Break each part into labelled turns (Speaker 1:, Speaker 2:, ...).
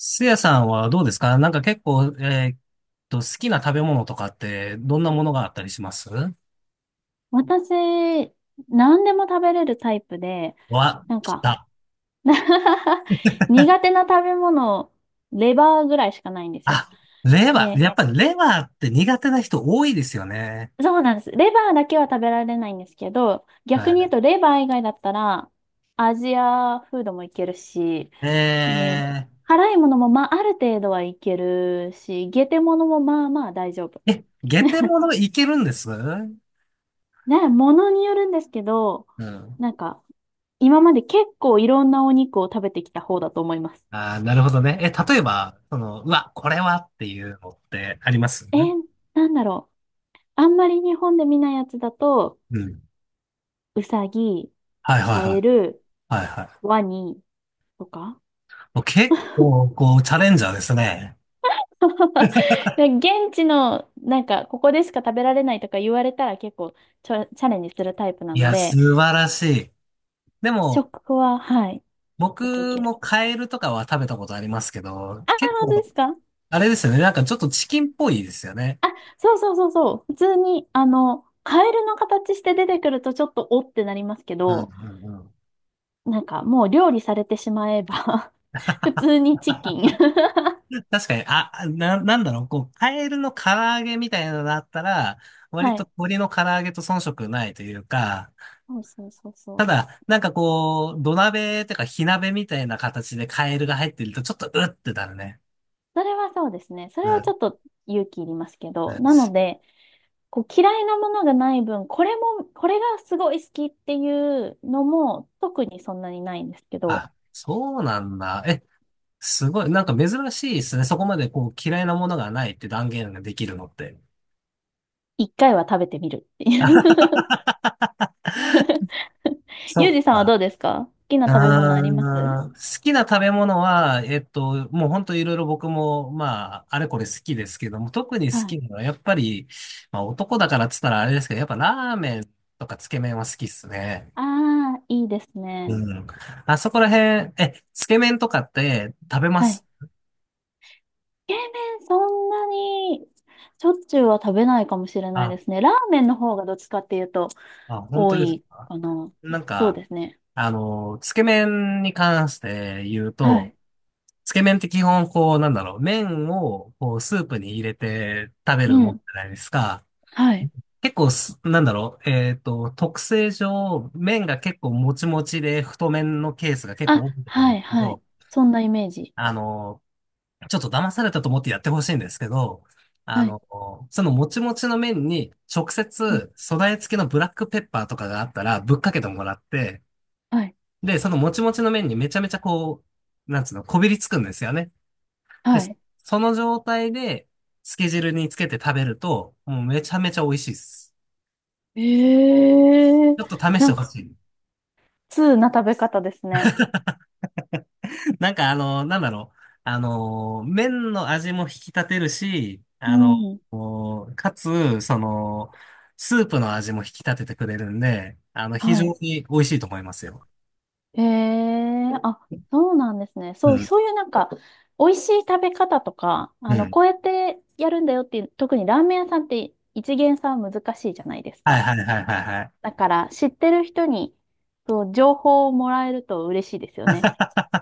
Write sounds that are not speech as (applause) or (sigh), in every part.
Speaker 1: スヤさんはどうですか？なんか結構、好きな食べ物とかって、どんなものがあったりします？
Speaker 2: 私、何でも食べれるタイプで、
Speaker 1: わ、
Speaker 2: なん
Speaker 1: 来
Speaker 2: か
Speaker 1: た。
Speaker 2: (laughs) 苦手な食べ物、レバーぐらいしかないんですよ。
Speaker 1: あ、レバー。
Speaker 2: で、
Speaker 1: やっぱりレバーって苦手な人多いですよね。
Speaker 2: そうなんです。レバーだけは食べられないんですけど、
Speaker 1: は
Speaker 2: 逆に言う
Speaker 1: い。
Speaker 2: とレバー以外だったら、アジアフードもいけるし、えー
Speaker 1: え
Speaker 2: 辛いものもまあある程度はいけるし、ゲテものもまあまあ大丈夫。
Speaker 1: え、ゲテモノいけるんです？う
Speaker 2: ね、ものによるんですけど、
Speaker 1: ん。
Speaker 2: なんか、今まで結構いろんなお肉を食べてきた方だと思います。
Speaker 1: あー、なるほどね。え、例えば、うわ、これはっていうのってあります？
Speaker 2: えー、なんだろう。あんまり日本で見ないやつだと、
Speaker 1: うん。
Speaker 2: うさぎ、
Speaker 1: はいはい
Speaker 2: カ
Speaker 1: は
Speaker 2: エ
Speaker 1: い。
Speaker 2: ル、
Speaker 1: はいはい。
Speaker 2: ワニとか。
Speaker 1: もう結構、こう、チャレンジャーですね。
Speaker 2: (laughs) で現地の、なんか、ここでしか食べられないとか言われたら結構チャレンジするタイプな
Speaker 1: い
Speaker 2: の
Speaker 1: や、素
Speaker 2: で、
Speaker 1: 晴らしい。でも、
Speaker 2: 食は、はい、結構い
Speaker 1: 僕
Speaker 2: ける。
Speaker 1: もカエルとかは食べたことありますけど、
Speaker 2: ああ、
Speaker 1: 結
Speaker 2: 本当
Speaker 1: 構、
Speaker 2: ですか。
Speaker 1: あれですよね。なんかちょっとチキンっぽいですよね。
Speaker 2: あ、そうそうそうそう。普通に、あの、カエルの形して出てくるとちょっとおってなりますけ
Speaker 1: うん
Speaker 2: ど、
Speaker 1: うんうん。
Speaker 2: なんかもう料理されてしまえば (laughs) 普通にチキン。
Speaker 1: 確かに、あ、なんだろう、こう、カエルの唐揚げみたいなのだったら、
Speaker 2: (laughs)
Speaker 1: 割
Speaker 2: は
Speaker 1: と
Speaker 2: い、
Speaker 1: 鶏の唐揚げと遜色ないというか、
Speaker 2: そうそうそう
Speaker 1: た
Speaker 2: そう。
Speaker 1: だ、なんかこう、土鍋とか火鍋みたいな形でカエルが入ってると、ちょっとうってなるね。
Speaker 2: それはそうですね。そ
Speaker 1: う
Speaker 2: れはち
Speaker 1: ん、
Speaker 2: ょっと勇気いりますけ
Speaker 1: う
Speaker 2: ど、
Speaker 1: ん。
Speaker 2: なので、こう嫌いなものがない分、これも、これがすごい好きっていうのも特にそんなにないんですけど、
Speaker 1: あ、そうなんだ。え、すごい。なんか珍しいですね。そこまでこう、嫌いなものがないって断言ができるのって。
Speaker 2: 一回は食べてみるっていう。 (laughs)
Speaker 1: そ
Speaker 2: ゆうじ (laughs)
Speaker 1: っ
Speaker 2: さんは
Speaker 1: か。
Speaker 2: どうですか、好きな食べ物あります？
Speaker 1: 好きな食べ物は、もう本当いろいろ僕も、まあ、あれこれ好きですけども、特に
Speaker 2: は
Speaker 1: 好き
Speaker 2: い。
Speaker 1: なのは、やっぱり、まあ男だからっつったらあれですけど、やっぱラーメンとかつけ麺は好きっすね。
Speaker 2: ああ、いいですね。
Speaker 1: うん。あそこら辺、え、つけ麺とかって食べま
Speaker 2: はい。
Speaker 1: す？
Speaker 2: 冷麺そんなにしょっちゅうは食べないかもしれない
Speaker 1: あ、
Speaker 2: ですね。ラーメンの方がどっちかっていうと
Speaker 1: あ、本
Speaker 2: 多
Speaker 1: 当です
Speaker 2: い
Speaker 1: か？
Speaker 2: かな。
Speaker 1: なん
Speaker 2: そう
Speaker 1: か、
Speaker 2: ですね。
Speaker 1: つけ麺に関して言う
Speaker 2: は
Speaker 1: と、
Speaker 2: い。
Speaker 1: つけ麺って基本、こう、なんだろう、麺を、こう、スープに入れて食べ
Speaker 2: う
Speaker 1: るもんじ
Speaker 2: ん。
Speaker 1: ゃないですか。
Speaker 2: はい。
Speaker 1: 結構す、なんだろう、特性上、麺が結構もちもちで太麺のケースが結
Speaker 2: あ、
Speaker 1: 構多いと思う
Speaker 2: は
Speaker 1: ん
Speaker 2: い、
Speaker 1: ですけ
Speaker 2: はい。
Speaker 1: ど、
Speaker 2: そんなイメージ。
Speaker 1: あの、ちょっと騙されたと思ってやってほしいんですけど、あ
Speaker 2: はい。
Speaker 1: の、そのもちもちの麺に直
Speaker 2: うん。
Speaker 1: 接素材付きのブラックペッパーとかがあったらぶっかけてもらって、
Speaker 2: はい。
Speaker 1: で、そのもちもちの麺にめちゃめちゃこう、なんつうの、こびりつくんですよね。で、
Speaker 2: は
Speaker 1: そ
Speaker 2: い。
Speaker 1: その状態で、つけ汁につけて食べると、もうめちゃめちゃ美味しいです。
Speaker 2: ええ、
Speaker 1: ちょっと試し
Speaker 2: な
Speaker 1: て
Speaker 2: ん
Speaker 1: ほ
Speaker 2: か、
Speaker 1: しい。
Speaker 2: 通な食べ方ですね。
Speaker 1: なんかなんだろう。麺の味も引き立てるし、
Speaker 2: うん。
Speaker 1: こうかつ、その、スープの味も引き立ててくれるんで、非常
Speaker 2: はい。
Speaker 1: に美味しいと思いますよ。
Speaker 2: ええ、あ、そうなんですね。
Speaker 1: う
Speaker 2: そう、
Speaker 1: ん。
Speaker 2: そういうなんか、美味しい食べ方とか、
Speaker 1: う
Speaker 2: あの、
Speaker 1: ん。
Speaker 2: こうやってやるんだよっていう、特にラーメン屋さんって一見さん難しいじゃないです
Speaker 1: はい
Speaker 2: か。
Speaker 1: はいはいはいは
Speaker 2: だから、知ってる人に、そう、情報をもらえると嬉しいですよね。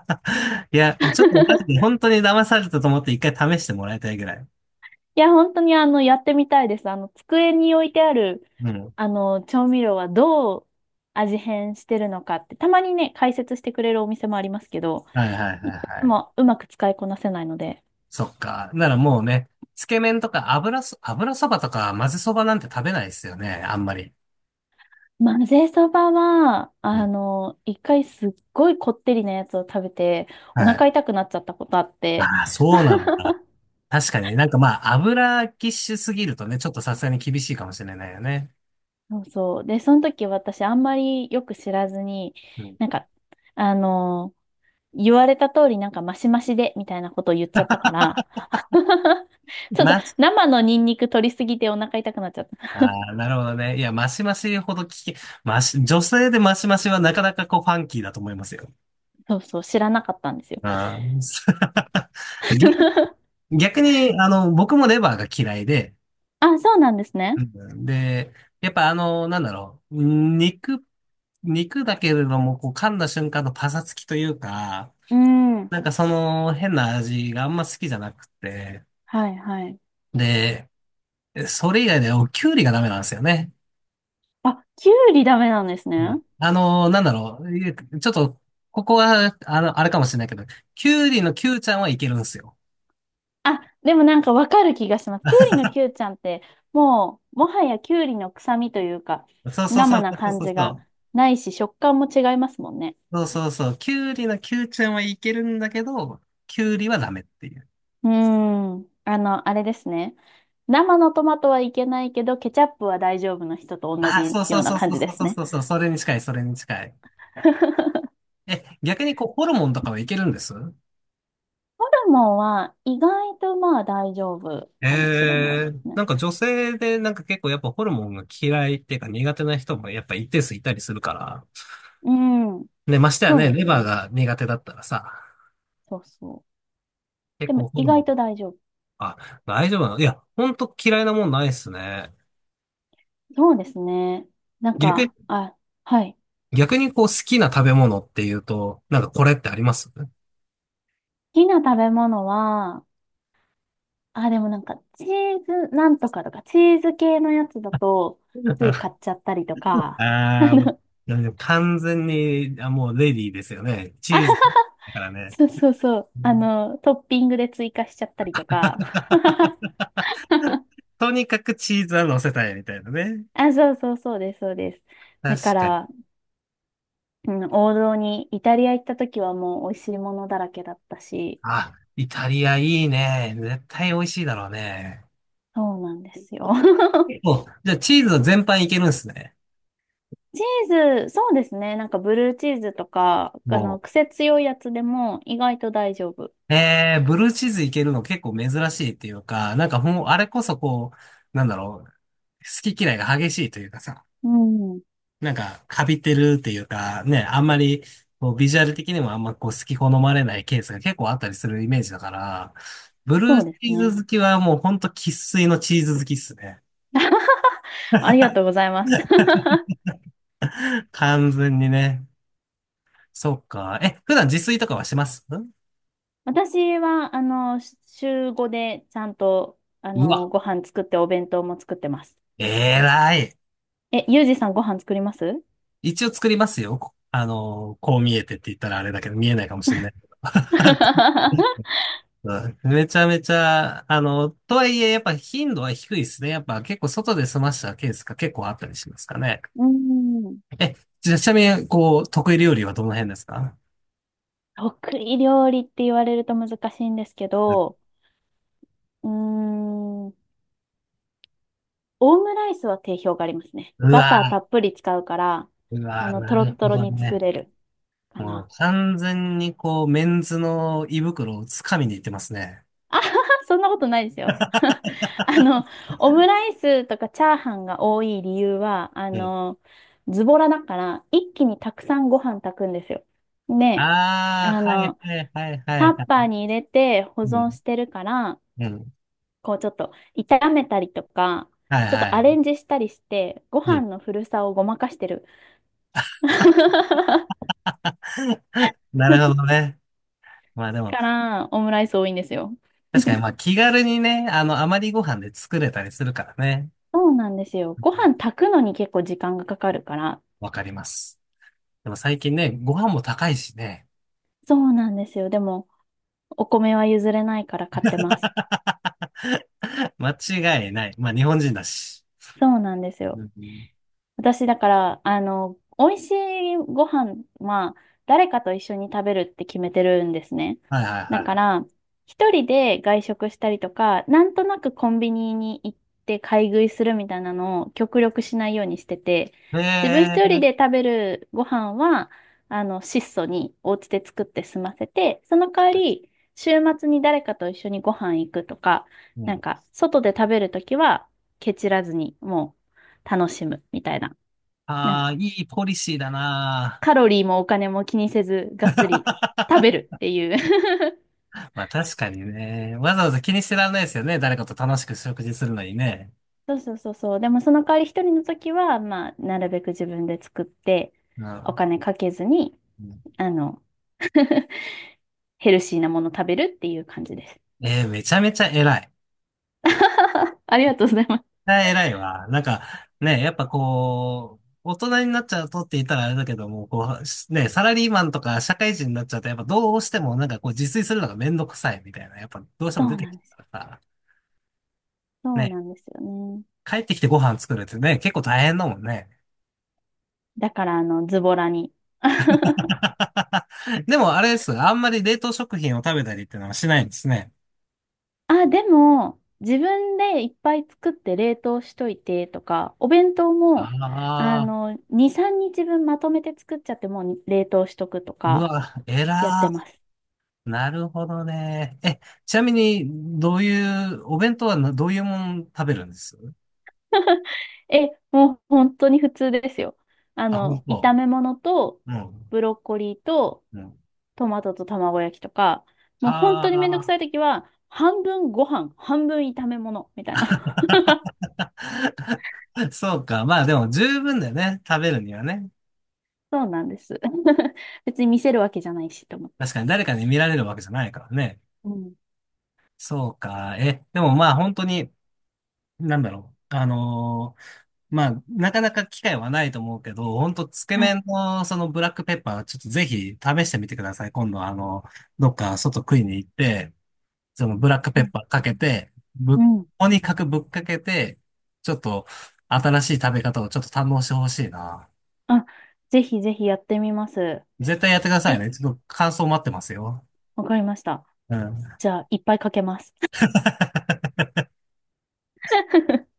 Speaker 1: い。(laughs) いや、ちょっとマジで本当に騙されたと思って一回試してもらいたいぐらい。
Speaker 2: いや、本当にあの、やってみたいです。あの、机に置いてある、
Speaker 1: うん。
Speaker 2: あの、調味料はどう味変してるのかって、たまにね、解説してくれるお店もありますけど、
Speaker 1: はいはいは
Speaker 2: いつ
Speaker 1: いはい。
Speaker 2: もうまく使いこなせないので。
Speaker 1: そっか。ならもうね、つけ麺とか油そばとか混ぜそばなんて食べないですよね、あんまり。
Speaker 2: 混ぜそばは、
Speaker 1: う
Speaker 2: あ
Speaker 1: ん。
Speaker 2: の、一回すっごいこってりなやつを食べて、お
Speaker 1: は
Speaker 2: 腹
Speaker 1: い。
Speaker 2: 痛くなっちゃったことあって、
Speaker 1: ああ、そうな
Speaker 2: (laughs)
Speaker 1: んだ。確かになんかまあ、油キッシュすぎるとね、ちょっとさすがに厳しいかもしれないよね。
Speaker 2: そうそう。で、その時私あんまりよく知らずに、
Speaker 1: うん。
Speaker 2: なんか、あの、言われた通りなんかマシマシでみたいなことを言っちゃったから、ちょっと
Speaker 1: まし、
Speaker 2: 生のニンニク取りすぎてお腹痛くなっちゃった。
Speaker 1: ああ、なるほどね。いや、マシマシほど聞き、マシ、女性でマシマシはなかなかこうファンキーだと思いますよ。
Speaker 2: そうそう、知らなかったんですよ。
Speaker 1: ああ、(laughs) 逆
Speaker 2: (laughs)
Speaker 1: 逆に、僕もレバーが嫌いで、
Speaker 2: あ、そうなんです
Speaker 1: う
Speaker 2: ね。
Speaker 1: ん。で、やっぱなんだろう、肉、肉だけれども、こう噛んだ瞬間のパサつきというか、
Speaker 2: うん。
Speaker 1: なんかその変な味があんま好きじゃなくて、
Speaker 2: はいはい。
Speaker 1: で、それ以外でおきゅうりがダメなんですよね。
Speaker 2: あ、きゅうりダメなんです
Speaker 1: う
Speaker 2: ね。
Speaker 1: ん。なんだろう、いえちょっと、ここは、あれかもしれないけど、きゅうりのきゅうちゃんはいけるんですよ。
Speaker 2: あ、でもなんかわかる気がします。きゅうりのきゅうちゃんって、もう、もはやきゅうりの臭みというか、
Speaker 1: そうそうそ
Speaker 2: 生
Speaker 1: う
Speaker 2: な
Speaker 1: そう
Speaker 2: 感
Speaker 1: そう
Speaker 2: じ
Speaker 1: そ
Speaker 2: が
Speaker 1: う。
Speaker 2: ないし、食感も違いますもんね。
Speaker 1: そうそうそう。きゅうりのきゅうちゃんはいけるんだけど、きゅうりはダメっていう。
Speaker 2: うーん。あの、あれですね。生のトマトはいけないけど、ケチャップは大丈夫の人と同
Speaker 1: ああ、そ
Speaker 2: じ
Speaker 1: うそ
Speaker 2: よ
Speaker 1: う
Speaker 2: うな
Speaker 1: そう
Speaker 2: 感
Speaker 1: そう
Speaker 2: じで
Speaker 1: そう
Speaker 2: す
Speaker 1: そう
Speaker 2: ね。
Speaker 1: そうそう、それに近い、それに近い。
Speaker 2: (laughs)
Speaker 1: え、逆にこう、ホルモンとかはいけるんです？
Speaker 2: ーモンは意外とまあ大丈夫かもしれないで
Speaker 1: ええ。
Speaker 2: すね。
Speaker 1: なんか女性でなんか結構やっぱホルモンが嫌いっていうか苦手な人もやっぱ一定数いたりするから。
Speaker 2: うん。
Speaker 1: ね、ましてや
Speaker 2: そう
Speaker 1: ね、
Speaker 2: で
Speaker 1: レ
Speaker 2: す
Speaker 1: バー
Speaker 2: ね。
Speaker 1: が苦手だったらさ、
Speaker 2: そうそう。で
Speaker 1: 結
Speaker 2: も
Speaker 1: 構ホ
Speaker 2: 意
Speaker 1: ルモン、
Speaker 2: 外と大丈夫。
Speaker 1: あ、大丈夫なの？いや、ほんと嫌いなもんないっすね。
Speaker 2: そうですね。なん
Speaker 1: 逆に、
Speaker 2: か、あ、はい。好
Speaker 1: 逆にこう好きな食べ物っていうと、なんかこれってあります？
Speaker 2: きな食べ物は、あ、でもなんかチーズなんとかとか、チーズ系のやつだと、つい
Speaker 1: (laughs)
Speaker 2: 買っちゃったりとか、(laughs) あ
Speaker 1: ああ、もう
Speaker 2: の、
Speaker 1: なんで完全に、あ、もうレディーですよね。チーズだからね。
Speaker 2: そうそうそう。
Speaker 1: う
Speaker 2: あ
Speaker 1: ん。
Speaker 2: の、トッピングで追加しちゃったりとか。(laughs)
Speaker 1: とにかくチーズは乗せたいみたいなね。
Speaker 2: あ、そうそうそうです、そうです。だか
Speaker 1: 確かに。
Speaker 2: ら、うん、王道に、イタリア行った時はもう美味しいものだらけだったし、
Speaker 1: あ、イタリアいいね。絶対美味しいだろうね。
Speaker 2: そうなんですよ。(laughs)
Speaker 1: お、じゃあチーズは全般いけるんですね。
Speaker 2: チーズ、そうですね。なんかブルーチーズとか、あ
Speaker 1: も
Speaker 2: の、癖強いやつでも意外と大丈夫。
Speaker 1: う。ブルーチーズいけるの結構珍しいっていうか、なんかもう、あれこそこう、なんだろう、好き嫌いが激しいというかさ。
Speaker 2: うん、
Speaker 1: なんか、カビてるっていうか、ね、あんまり、こう、ビジュアル的にもあんまこう、好き好まれないケースが結構あったりするイメージだから、ブル
Speaker 2: そう
Speaker 1: ー
Speaker 2: で
Speaker 1: チ
Speaker 2: す
Speaker 1: ー
Speaker 2: ね。
Speaker 1: ズ好きはもうほんと生粋のチーズ好きっすね。
Speaker 2: (laughs) ありがとうございます。(laughs)
Speaker 1: (laughs) 完全にね。そっか。え、普段自炊とかはします？
Speaker 2: 私は、あの、週5でちゃんと、あ
Speaker 1: う
Speaker 2: の、
Speaker 1: わ、
Speaker 2: ご飯作ってお弁当も作ってます。
Speaker 1: えらい。
Speaker 2: え、ゆうじさんご飯作ります？
Speaker 1: 一応作りますよ。こあのーこう見えてって言ったらあれだけど、見えないかもしれないけど。(laughs)
Speaker 2: (laughs)
Speaker 1: はい。めちゃめちゃ、とはいえ、やっぱ頻度は低いですね。やっぱ結構外で済ましたケースが結構あったりしますかね。
Speaker 2: うん。
Speaker 1: え、じゃあちなみに、こう、得意料理はどの辺ですか？
Speaker 2: 得意料理って言われると難しいんですけど、うーん、オムライスは定評がありますね。
Speaker 1: う
Speaker 2: バタ
Speaker 1: わ
Speaker 2: ーたっぷり使うから、
Speaker 1: ー、う
Speaker 2: あ
Speaker 1: わー、
Speaker 2: の、ト
Speaker 1: な
Speaker 2: ロッ
Speaker 1: る
Speaker 2: ト
Speaker 1: ほ
Speaker 2: ロ
Speaker 1: ど
Speaker 2: に作
Speaker 1: ね。
Speaker 2: れるか
Speaker 1: もう
Speaker 2: な。
Speaker 1: 完全にこう、メンズの胃袋をつかみに行ってますね。
Speaker 2: あはは、そんなことないですよ。(laughs) あの、オムライスとかチャーハンが多い理由は、あ
Speaker 1: うん。
Speaker 2: の、ズボラだから、一気にたくさんご飯炊くんですよ。で、
Speaker 1: あ
Speaker 2: あ
Speaker 1: あ、はい
Speaker 2: の、
Speaker 1: はいはいは
Speaker 2: タッ
Speaker 1: いは
Speaker 2: パー
Speaker 1: い。
Speaker 2: に入れて保
Speaker 1: う
Speaker 2: 存
Speaker 1: ん、
Speaker 2: してるから、
Speaker 1: うん。
Speaker 2: こうちょっと炒めたりとか、
Speaker 1: はい
Speaker 2: ちょっ
Speaker 1: は
Speaker 2: とアレ
Speaker 1: い。
Speaker 2: ンジしたりして、ご
Speaker 1: う
Speaker 2: 飯
Speaker 1: ん。
Speaker 2: の古さをごまかしてる。(laughs)
Speaker 1: (laughs) なるほどね。まあでも、
Speaker 2: から、オムライス多いんですよ。
Speaker 1: 確かに、まあ気軽にね、余りご飯で作れたりするからね。
Speaker 2: そうなんですよ。ご飯炊くのに結構時間がかかるから。
Speaker 1: わかります。でも最近ね、ご飯も高いしね。
Speaker 2: そうなんですよ。でも、お米は譲れないから買ってます。
Speaker 1: (laughs) 間違いない。まあ日本人だし。
Speaker 2: そうなんです
Speaker 1: う
Speaker 2: よ。
Speaker 1: ん。
Speaker 2: 私、だから、あの、美味しいご飯は、誰かと一緒に食べるって決めてるんですね。
Speaker 1: はいはい
Speaker 2: だか
Speaker 1: は
Speaker 2: ら、一人で外食したりとか、なんとなくコンビニに行って買い食いするみたいなのを極力しないようにしてて、
Speaker 1: い。
Speaker 2: 自分一人で食べるご飯は、あの、質素にお家で作って済ませて、その代わり、週末に誰かと一緒にご飯行くとか、
Speaker 1: う
Speaker 2: なん
Speaker 1: ん。
Speaker 2: か、外で食べるときは、ケチらずに、もう、楽しむみたいな。な、
Speaker 1: ああ、いいポリシーだな
Speaker 2: カロリーもお金も気にせず、がっつり食べるっていう。 (laughs)
Speaker 1: ー。まあ確かにね。わざわざ気にしてらんないですよね。誰かと楽しく食事するのにね。
Speaker 2: そうそうそうそう。でもその代わり一人の時は、まあ、なるべく自分で作って、
Speaker 1: う
Speaker 2: お
Speaker 1: ん。
Speaker 2: 金かけずに、
Speaker 1: うん。
Speaker 2: あの、ヘルシーなもの食べるっていう感じです。
Speaker 1: めちゃめちゃ偉い。
Speaker 2: (laughs) ありがとうございます。
Speaker 1: え、偉いわ。なんか、ね、やっぱこう、大人になっちゃうとって言ったらあれだけども、こう、ね、サラリーマンとか社会人になっちゃうと、やっぱどうしてもなんかこう自炊するのがめんどくさいみたいな、やっぱどうして
Speaker 2: そ
Speaker 1: も出
Speaker 2: う
Speaker 1: て
Speaker 2: な
Speaker 1: き
Speaker 2: んですよ。
Speaker 1: たからさ、
Speaker 2: そう
Speaker 1: ね、
Speaker 2: なんですよね。
Speaker 1: 帰ってきてご飯作るってね、結構大変だもんね。
Speaker 2: だから、あの、ズボラに。(laughs)
Speaker 1: (laughs) でもあれです。あんまり冷凍食品を食べたりっていうのはしないんですね。
Speaker 2: あ、でも、自分でいっぱい作って冷凍しといてとか、お弁当も、あ
Speaker 1: ああ、
Speaker 2: の、2、3日分まとめて作っちゃってもう冷凍しとくと
Speaker 1: う
Speaker 2: か
Speaker 1: わ、
Speaker 2: やっ
Speaker 1: 偉
Speaker 2: てます。
Speaker 1: ー。なるほどね。え、ちなみに、どういう、お弁当はなどういうもん食べるんです？
Speaker 2: え、もう本当に普通ですよ。あ
Speaker 1: あ、
Speaker 2: の、炒
Speaker 1: も
Speaker 2: め物と、
Speaker 1: う、うん、
Speaker 2: ブロッコリーと、
Speaker 1: うん。
Speaker 2: トマトと卵焼きとか、もう本当にめんどく
Speaker 1: あ
Speaker 2: さい時は、半分ご飯、半分炒め物、みたいな。(laughs)
Speaker 1: あ、(laughs) そうか。まあでも十分だよね。食べるにはね。
Speaker 2: そうなんです。(laughs) 別に見せるわけじゃないしと思って。
Speaker 1: 確かに誰かに見られるわけじゃないからね。
Speaker 2: うん。
Speaker 1: そうか。え、でもまあ本当に、なんだろう。まあ、なかなか機会はないと思うけど、本当つけ
Speaker 2: はい。
Speaker 1: 麺のそのブラックペッパー、ちょっとぜひ試してみてください。今度どっか外食いに行って、そのブラックペ
Speaker 2: は
Speaker 1: ッ
Speaker 2: い。
Speaker 1: パーかけて、
Speaker 2: うん。
Speaker 1: とにかくぶっかけて、ちょっと新しい食べ方をちょっと堪能してほしいな。
Speaker 2: あ、ぜひぜひやってみます。
Speaker 1: 絶対やってください
Speaker 2: え、
Speaker 1: ね。ちょっと感想待ってますよ。
Speaker 2: わかりました。
Speaker 1: うん。
Speaker 2: じゃあ、いっぱいかけます。
Speaker 1: (laughs)
Speaker 2: (laughs)